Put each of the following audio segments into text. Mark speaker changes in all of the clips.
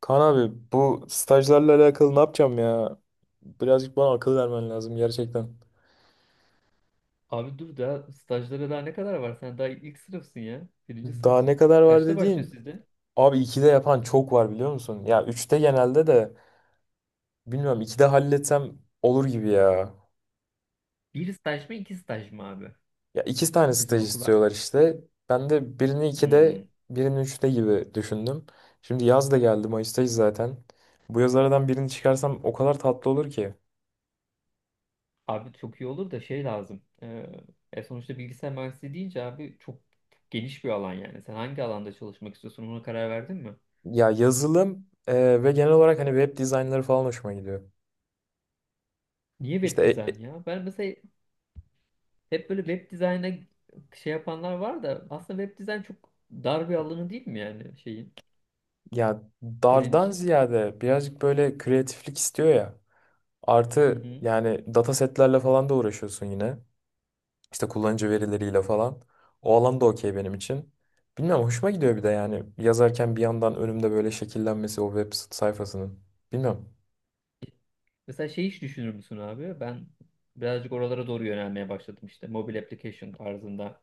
Speaker 1: Kaan abi bu stajlarla alakalı ne yapacağım ya? Birazcık bana akıl vermen lazım gerçekten.
Speaker 2: Abi dur daha stajlara daha ne kadar var? Sen daha ilk sınıfsın ya. Birinci
Speaker 1: Daha
Speaker 2: sınıfsın.
Speaker 1: ne kadar var
Speaker 2: Kaçta başlıyor
Speaker 1: dediğin?
Speaker 2: sizde?
Speaker 1: Abi 2'de yapan çok var biliyor musun? Ya üçte genelde de bilmiyorum, 2'de halletsem olur gibi ya.
Speaker 2: Bir staj mı iki staj mı abi?
Speaker 1: Ya iki tane
Speaker 2: Sizin
Speaker 1: staj
Speaker 2: okula.
Speaker 1: istiyorlar işte. Ben de birini 2'de
Speaker 2: Hmm.
Speaker 1: birini üçte gibi düşündüm. Şimdi yaz da geldi, Mayıs'tayız zaten. Bu yaz aradan birini çıkarsam o kadar tatlı olur ki.
Speaker 2: Abi çok iyi olur da şey lazım. Sonuçta bilgisayar mühendisliği deyince abi çok geniş bir alan yani. Sen hangi alanda çalışmak istiyorsun, ona karar verdin mi?
Speaker 1: Ya yazılım ve genel olarak hani web dizaynları falan hoşuma gidiyor.
Speaker 2: Niye
Speaker 1: İşte
Speaker 2: web dizayn ya? Ben mesela hep böyle web dizayna şey yapanlar var da aslında web dizayn çok dar bir alanı değil mi, yani şeyin
Speaker 1: ya
Speaker 2: senin
Speaker 1: dardan
Speaker 2: için?
Speaker 1: ziyade birazcık böyle kreatiflik istiyor ya.
Speaker 2: Hı
Speaker 1: Artı
Speaker 2: hı.
Speaker 1: yani data setlerle falan da uğraşıyorsun yine. İşte kullanıcı verileriyle falan. O alan da okey benim için. Bilmiyorum, hoşuma gidiyor bir de yani yazarken bir yandan önümde böyle şekillenmesi o web sayfasının. Bilmiyorum,
Speaker 2: Mesela şey hiç düşünür müsün abi? Ben birazcık oralara doğru yönelmeye başladım işte. Mobile application tarzında.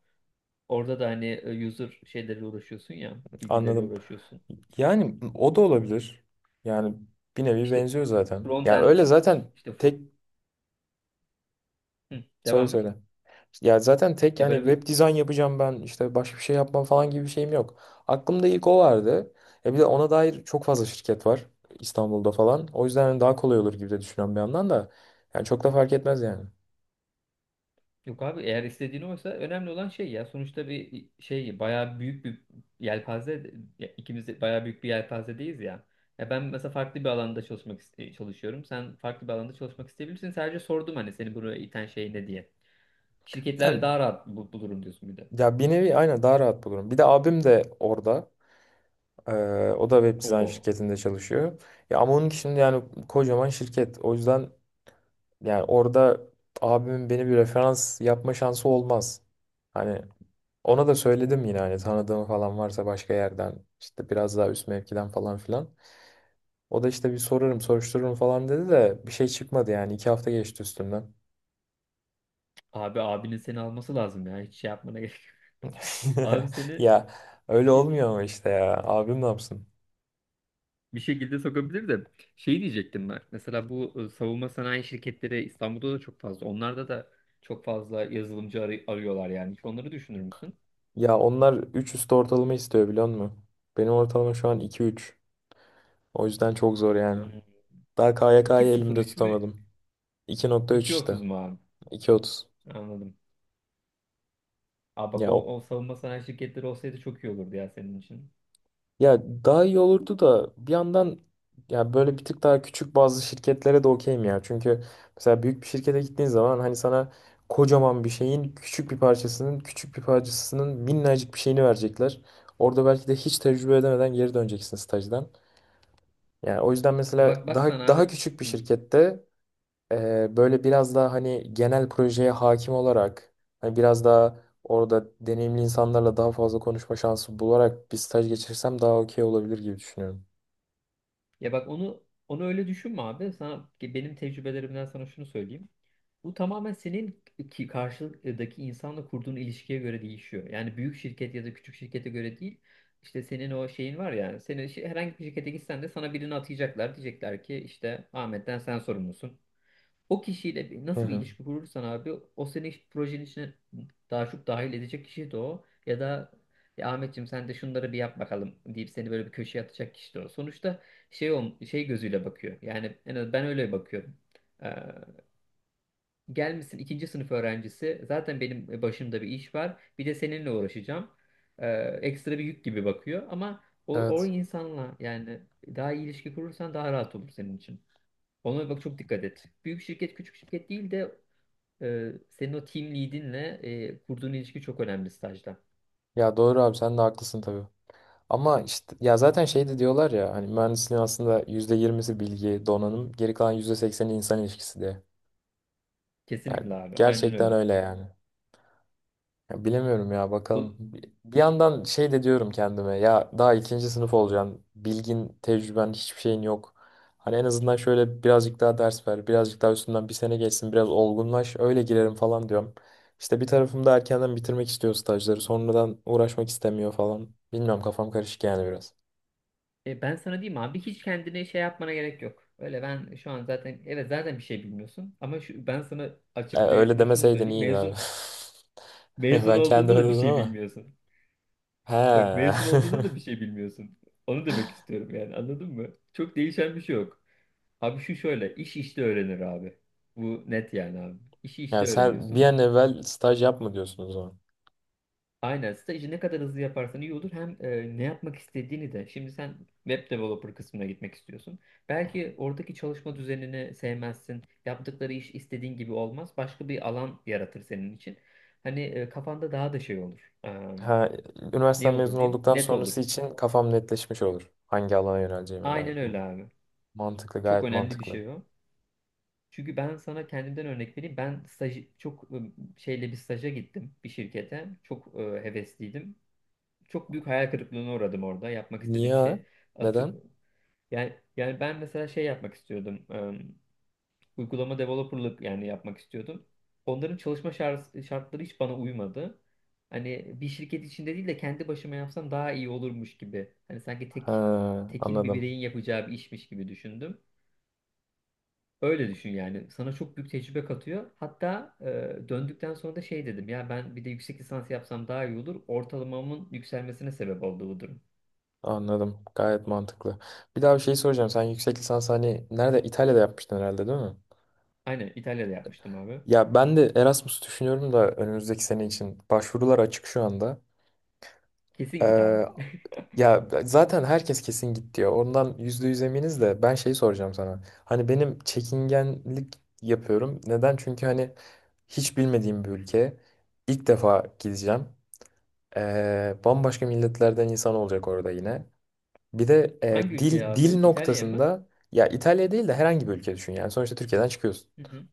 Speaker 2: Orada da hani user şeyleriyle uğraşıyorsun ya. Bilgileriyle
Speaker 1: anladım.
Speaker 2: uğraşıyorsun.
Speaker 1: Yani o da olabilir. Yani bir nevi
Speaker 2: İşte
Speaker 1: benziyor zaten.
Speaker 2: front
Speaker 1: Yani
Speaker 2: end
Speaker 1: öyle zaten.
Speaker 2: işte
Speaker 1: tek
Speaker 2: Hı,
Speaker 1: Söyle
Speaker 2: devam et.
Speaker 1: söyle. Ya zaten tek
Speaker 2: Ya
Speaker 1: yani
Speaker 2: böyle bir
Speaker 1: web dizayn yapacağım ben işte, başka bir şey yapmam falan gibi bir şeyim yok. Aklımda ilk o vardı. E bir de ona dair çok fazla şirket var İstanbul'da falan. O yüzden hani daha kolay olur gibi de düşünüyorum bir yandan da. Yani çok da fark etmez yani.
Speaker 2: Yok abi, eğer istediğin oysa önemli olan şey, ya sonuçta bir şey bayağı büyük bir yelpaze, ya ikimiz de bayağı büyük bir yelpazedeyiz ya. Ya ben mesela farklı bir alanda çalışmak çalışıyorum. Sen farklı bir alanda çalışmak isteyebilirsin. Sadece sordum hani seni buraya iten şey ne diye. Şirketlerde
Speaker 1: Yani
Speaker 2: daha rahat bulurum diyorsun bir de.
Speaker 1: ya bir nevi aynen daha rahat bulurum. Bir de abim de orada. Ee, O da web dizayn
Speaker 2: Oo.
Speaker 1: şirketinde çalışıyor. Ya ama onun şimdi yani kocaman şirket. O yüzden yani orada abimin beni bir referans yapma şansı olmaz. Hani ona da söyledim yine, hani tanıdığım falan varsa başka yerden, işte biraz daha üst mevkiden falan filan. O da işte bir sorarım soruştururum falan dedi de bir şey çıkmadı yani, iki hafta geçti üstümden.
Speaker 2: Abi abinin seni alması lazım ya. Hiç şey yapmana gerek yok. Abi seni
Speaker 1: Ya öyle
Speaker 2: bir, bir-
Speaker 1: olmuyor ama, işte ya abim ne yapsın?
Speaker 2: bir şekilde sokabilir de şey diyecektim ben. Mesela bu savunma sanayi şirketleri İstanbul'da da çok fazla. Onlarda da çok fazla yazılımcı arıyorlar yani. Hiç onları düşünür müsün?
Speaker 1: Ya onlar 3 üstü ortalama istiyor biliyor musun? Benim ortalama şu an iki üç. O yüzden çok zor yani.
Speaker 2: Hmm.
Speaker 1: Daha
Speaker 2: iki
Speaker 1: KYK'yı
Speaker 2: sıfır
Speaker 1: elimde
Speaker 2: üç mü?
Speaker 1: tutamadım. İki nokta üç
Speaker 2: iki
Speaker 1: işte.
Speaker 2: otuz mu abi?
Speaker 1: İki otuz.
Speaker 2: Anladım. Aa bak,
Speaker 1: Ya
Speaker 2: o,
Speaker 1: o-
Speaker 2: o savunma sanayi şirketleri olsaydı çok iyi olurdu ya senin için.
Speaker 1: Ya daha iyi olurdu da bir yandan, ya böyle bir tık daha küçük bazı şirketlere de okeyim ya. Çünkü mesela büyük bir şirkete gittiğin zaman hani sana kocaman bir şeyin küçük bir parçasının küçük bir parçasının minnacık bir şeyini verecekler. Orada belki de hiç tecrübe edemeden geri döneceksin stajdan. Yani o yüzden mesela
Speaker 2: Bak bak sen
Speaker 1: daha
Speaker 2: abi.
Speaker 1: daha küçük bir
Speaker 2: Hı.
Speaker 1: şirkette böyle biraz daha hani genel projeye hakim olarak, hani biraz daha orada deneyimli insanlarla daha fazla konuşma şansı bularak bir staj geçirsem daha okey olabilir gibi düşünüyorum.
Speaker 2: Ya bak onu öyle düşünme abi. Sana benim tecrübelerimden sana şunu söyleyeyim. Bu tamamen senin ki karşıdaki insanla kurduğun ilişkiye göre değişiyor. Yani büyük şirket ya da küçük şirkete göre değil. İşte senin o şeyin var yani. Herhangi bir şirkete gitsen de sana birini atayacaklar. Diyecekler ki işte Ahmet'ten sen sorumlusun. O kişiyle
Speaker 1: Hı
Speaker 2: nasıl bir
Speaker 1: hı.
Speaker 2: ilişki kurursan abi, o seni projenin içine daha çok dahil edecek kişi de o. Ya da ya Ahmetciğim sen de şunları bir yap bakalım deyip seni böyle bir köşeye atacak kişi de o. Sonuçta şey gözüyle bakıyor. Yani en az ben öyle bakıyorum. Gelmişsin ikinci sınıf öğrencisi. Zaten benim başımda bir iş var. Bir de seninle uğraşacağım. Ee, ekstra bir yük gibi bakıyor. Ama o
Speaker 1: Evet.
Speaker 2: insanla yani daha iyi ilişki kurursan daha rahat olur senin için. Ona bak, çok dikkat et. Büyük şirket küçük şirket değil de senin o team lead'inle kurduğun ilişki çok önemli stajda.
Speaker 1: Ya doğru abi, sen de haklısın tabii. Ama işte ya zaten şey de diyorlar ya, hani mühendisliğin aslında %20'si bilgi, donanım, geri kalan %80'i insan ilişkisi diye. Yani
Speaker 2: Kesinlikle abi. Aynen
Speaker 1: gerçekten
Speaker 2: öyle.
Speaker 1: öyle yani. Ya bilemiyorum ya, bakalım.
Speaker 2: Bu-
Speaker 1: Bir yandan şey de diyorum kendime, ya daha ikinci sınıf olacaksın. Bilgin, tecrüben, hiçbir şeyin yok. Hani en azından şöyle birazcık daha ders ver. Birazcık daha üstünden bir sene geçsin. Biraz olgunlaş. Öyle girerim falan diyorum. İşte bir tarafım da erkenden bitirmek istiyor stajları. Sonradan uğraşmak istemiyor falan. Bilmiyorum, kafam karışık yani biraz.
Speaker 2: ben sana diyeyim abi, hiç kendine şey yapmana gerek yok. Öyle ben şu an zaten, evet, zaten bir şey bilmiyorsun. Ama şu, ben sana açık
Speaker 1: Ya öyle
Speaker 2: netle şunu
Speaker 1: demeseydin
Speaker 2: söyleyeyim.
Speaker 1: iyiydi abi.
Speaker 2: Mezun
Speaker 1: Ben
Speaker 2: Olduğunda
Speaker 1: kendime
Speaker 2: da bir
Speaker 1: dedim
Speaker 2: şey
Speaker 1: ama.
Speaker 2: bilmiyorsun.
Speaker 1: He.
Speaker 2: Bak, mezun olduğunda da bir şey bilmiyorsun. Onu demek istiyorum yani, anladın mı? Çok değişen bir şey yok. Abi şu şöyle, iş işte öğrenir abi. Bu net yani abi. İşi
Speaker 1: Ya
Speaker 2: işte
Speaker 1: sen bir
Speaker 2: öğreniyorsun.
Speaker 1: an evvel staj yapma diyorsun o zaman.
Speaker 2: Aynen, stajı ne kadar hızlı yaparsan iyi olur. Hem ne yapmak istediğini de. Şimdi sen web developer kısmına gitmek istiyorsun. Belki oradaki çalışma düzenini sevmezsin. Yaptıkları iş istediğin gibi olmaz. Başka bir alan yaratır senin için. Hani kafanda daha da şey olur.
Speaker 1: Ha,
Speaker 2: Ne
Speaker 1: üniversiteden
Speaker 2: olur
Speaker 1: mezun
Speaker 2: diyeyim?
Speaker 1: olduktan
Speaker 2: Net olur.
Speaker 1: sonrası için kafam netleşmiş olur. Hangi alana yöneleceğime
Speaker 2: Aynen
Speaker 1: dair.
Speaker 2: öyle abi.
Speaker 1: Mantıklı,
Speaker 2: Çok
Speaker 1: gayet
Speaker 2: önemli bir
Speaker 1: mantıklı.
Speaker 2: şey o. Çünkü ben sana kendimden örnek vereyim. Ben staj çok şeyle bir staja gittim bir şirkete. Çok hevesliydim. Çok büyük hayal kırıklığına uğradım orada. Yapmak istediğim
Speaker 1: Niye?
Speaker 2: şey atı
Speaker 1: Neden?
Speaker 2: yani, ben mesela şey yapmak istiyordum. Uygulama developerlık yani yapmak istiyordum. Onların çalışma şartları hiç bana uymadı. Hani bir şirket içinde değil de kendi başıma yapsam daha iyi olurmuş gibi. Hani sanki tek
Speaker 1: Ha,
Speaker 2: tekil bir
Speaker 1: anladım.
Speaker 2: bireyin yapacağı bir işmiş gibi düşündüm. Öyle düşün yani. Sana çok büyük tecrübe katıyor. Hatta döndükten sonra da şey dedim. Ya ben bir de yüksek lisans yapsam daha iyi olur. Ortalamamın yükselmesine sebep oldu bu durum.
Speaker 1: Anladım. Gayet mantıklı. Bir daha bir şey soracağım. Sen yüksek lisans hani nerede? İtalya'da yapmıştın herhalde değil mi?
Speaker 2: Aynen İtalya'da yapmıştım abi.
Speaker 1: Ya ben de Erasmus düşünüyorum da önümüzdeki sene için. Başvurular açık şu anda.
Speaker 2: Kesin git abi.
Speaker 1: Ee, Ya zaten herkes kesin git diyor. Ondan %100 eminiz de ben şeyi soracağım sana. Hani benim çekingenlik yapıyorum. Neden? Çünkü hani hiç bilmediğim bir ülke. İlk defa gideceğim. Bambaşka milletlerden insan olacak orada yine. Bir de
Speaker 2: Hangi ülkeye
Speaker 1: dil
Speaker 2: abi?
Speaker 1: dil
Speaker 2: İtalya'ya mı?
Speaker 1: noktasında, ya İtalya değil de herhangi bir ülke düşün yani. Sonuçta Türkiye'den çıkıyorsun.
Speaker 2: Hı hı.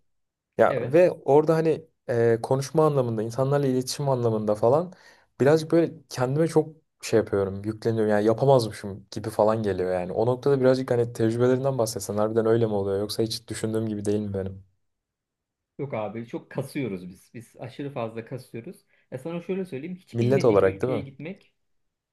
Speaker 1: Ya
Speaker 2: Evet.
Speaker 1: ve orada hani konuşma anlamında, insanlarla iletişim anlamında falan, birazcık böyle kendime çok şey yapıyorum, yükleniyorum. Yani yapamazmışım gibi falan geliyor yani. O noktada birazcık hani tecrübelerinden bahsetsen, harbiden öyle mi oluyor yoksa hiç düşündüğüm gibi değil mi benim?
Speaker 2: Yok abi, çok kasıyoruz biz. Biz aşırı fazla kasıyoruz. Ya sana şöyle söyleyeyim. Hiç
Speaker 1: Millet
Speaker 2: bilmediğim bir
Speaker 1: olarak değil
Speaker 2: ülkeye
Speaker 1: mi?
Speaker 2: gitmek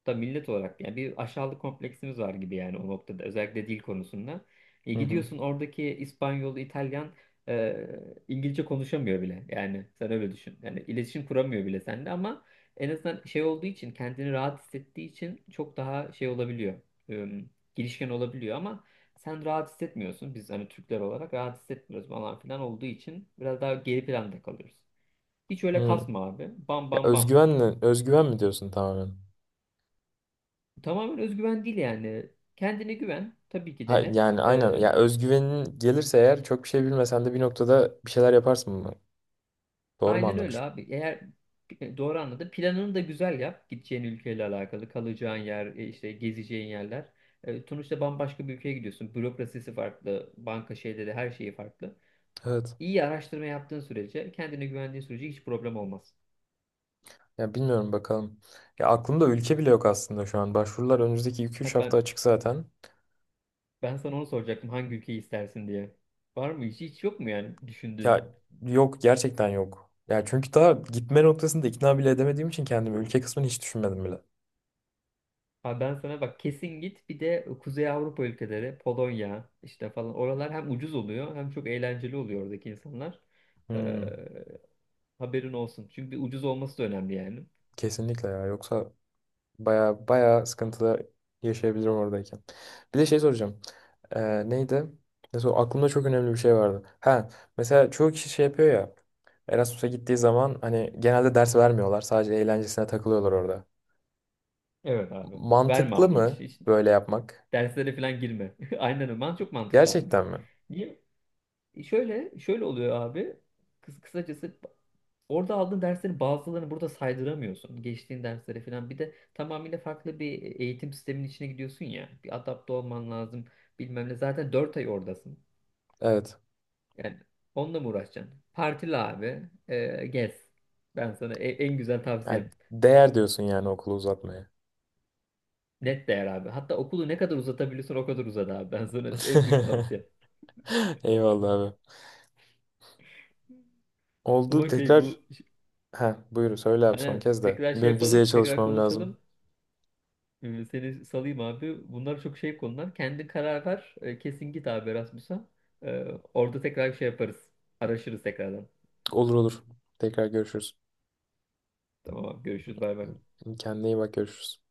Speaker 2: da millet olarak yani bir aşağılık kompleksimiz var gibi yani o noktada, özellikle dil konusunda. E,
Speaker 1: Hı hı.
Speaker 2: gidiyorsun, oradaki İspanyol, İtalyan e, İngilizce konuşamıyor bile. Yani sen öyle düşün. Yani iletişim kuramıyor bile sende, ama en azından şey olduğu için, kendini rahat hissettiği için, çok daha şey olabiliyor. E, girişken olabiliyor, ama sen rahat hissetmiyorsun. Biz hani Türkler olarak rahat hissetmiyoruz falan filan olduğu için biraz daha geri planda kalıyoruz. Hiç
Speaker 1: Hı.
Speaker 2: öyle kasma abi. Bam
Speaker 1: Ya
Speaker 2: bam bam.
Speaker 1: özgüvenle, özgüven mi diyorsun tamamen?
Speaker 2: Tamamen özgüven değil yani. Kendine güven. Tabii ki
Speaker 1: Ha,
Speaker 2: de net.
Speaker 1: yani aynen. Ya özgüvenin gelirse eğer çok bir şey bilmesen de bir noktada bir şeyler yaparsın mı? Doğru mu
Speaker 2: Aynen öyle
Speaker 1: anlamışım?
Speaker 2: abi. Doğru anladım. Planını da güzel yap. Gideceğin ülkeyle alakalı. Kalacağın yer, işte gezeceğin yerler. Sonuçta bambaşka bir ülkeye gidiyorsun. Bürokrasisi farklı. Banka şeyleri, her şeyi farklı.
Speaker 1: Evet.
Speaker 2: İyi araştırma yaptığın sürece, kendine güvendiğin sürece hiç problem olmaz.
Speaker 1: Ya bilmiyorum, bakalım. Ya aklımda ülke bile yok aslında şu an. Başvurular önümüzdeki iki
Speaker 2: Ha
Speaker 1: üç hafta
Speaker 2: ben,
Speaker 1: açık zaten.
Speaker 2: sana onu soracaktım. Hangi ülkeyi istersin diye. Var mı? Hiç yok mu yani düşündüğün?
Speaker 1: Ya yok, gerçekten yok. Ya çünkü daha gitme noktasında ikna bile edemediğim için kendimi, ülke kısmını hiç düşünmedim bile.
Speaker 2: Ha, ben sana bak, kesin git. Bir de Kuzey Avrupa ülkeleri, Polonya işte falan, oralar hem ucuz oluyor hem çok eğlenceli oluyor oradaki insanlar.
Speaker 1: Hmm,
Speaker 2: Ee, haberin olsun. Çünkü ucuz olması da önemli yani.
Speaker 1: Kesinlikle ya. Yoksa baya baya sıkıntılar yaşayabilirim oradayken. Bir de şey soracağım. Neydi? Mesela aklımda çok önemli bir şey vardı. Ha, mesela çoğu kişi şey yapıyor ya. Erasmus'a gittiği zaman hani genelde ders vermiyorlar. Sadece eğlencesine takılıyorlar orada.
Speaker 2: Evet abi. Verme
Speaker 1: Mantıklı
Speaker 2: abi hiç.
Speaker 1: mı
Speaker 2: Hiç
Speaker 1: böyle yapmak?
Speaker 2: derslere falan girme. Aynen öyle. Çok mantıklı abi.
Speaker 1: Gerçekten mi?
Speaker 2: Niye? Şöyle şöyle oluyor abi. Kısacası, orada aldığın derslerin bazılarını burada saydıramıyorsun. Geçtiğin derslere falan. Bir de tamamıyla farklı bir eğitim sisteminin içine gidiyorsun ya. Bir adapte olman lazım. Bilmem ne. Zaten 4 ay oradasın.
Speaker 1: Evet.
Speaker 2: Yani onunla mı uğraşacaksın? Partili abi. Gez. Ben sana en güzel
Speaker 1: Yani
Speaker 2: tavsiyem.
Speaker 1: değer diyorsun yani okulu uzatmaya.
Speaker 2: Net değer abi. Hatta okulu ne kadar uzatabiliyorsun o kadar uzat abi. Ben sana en büyük tavsiyem.
Speaker 1: Eyvallah abi. Oldu
Speaker 2: Ama şey bu.
Speaker 1: tekrar. Ha, buyur. Söyle abi son
Speaker 2: Aynen.
Speaker 1: kez de.
Speaker 2: Tekrar şey
Speaker 1: Benim vizeye
Speaker 2: yapalım. Tekrar
Speaker 1: çalışmam lazım.
Speaker 2: konuşalım. Seni salayım abi. Bunlar çok şey konular. Kendi karar ver. Kesin git abi Erasmus'a. Ee, Orada tekrar şey yaparız. Araşırız tekrardan.
Speaker 1: Olur olur. Tekrar görüşürüz.
Speaker 2: Tamam abi, görüşürüz, bay bay.
Speaker 1: Kendine iyi bak, görüşürüz.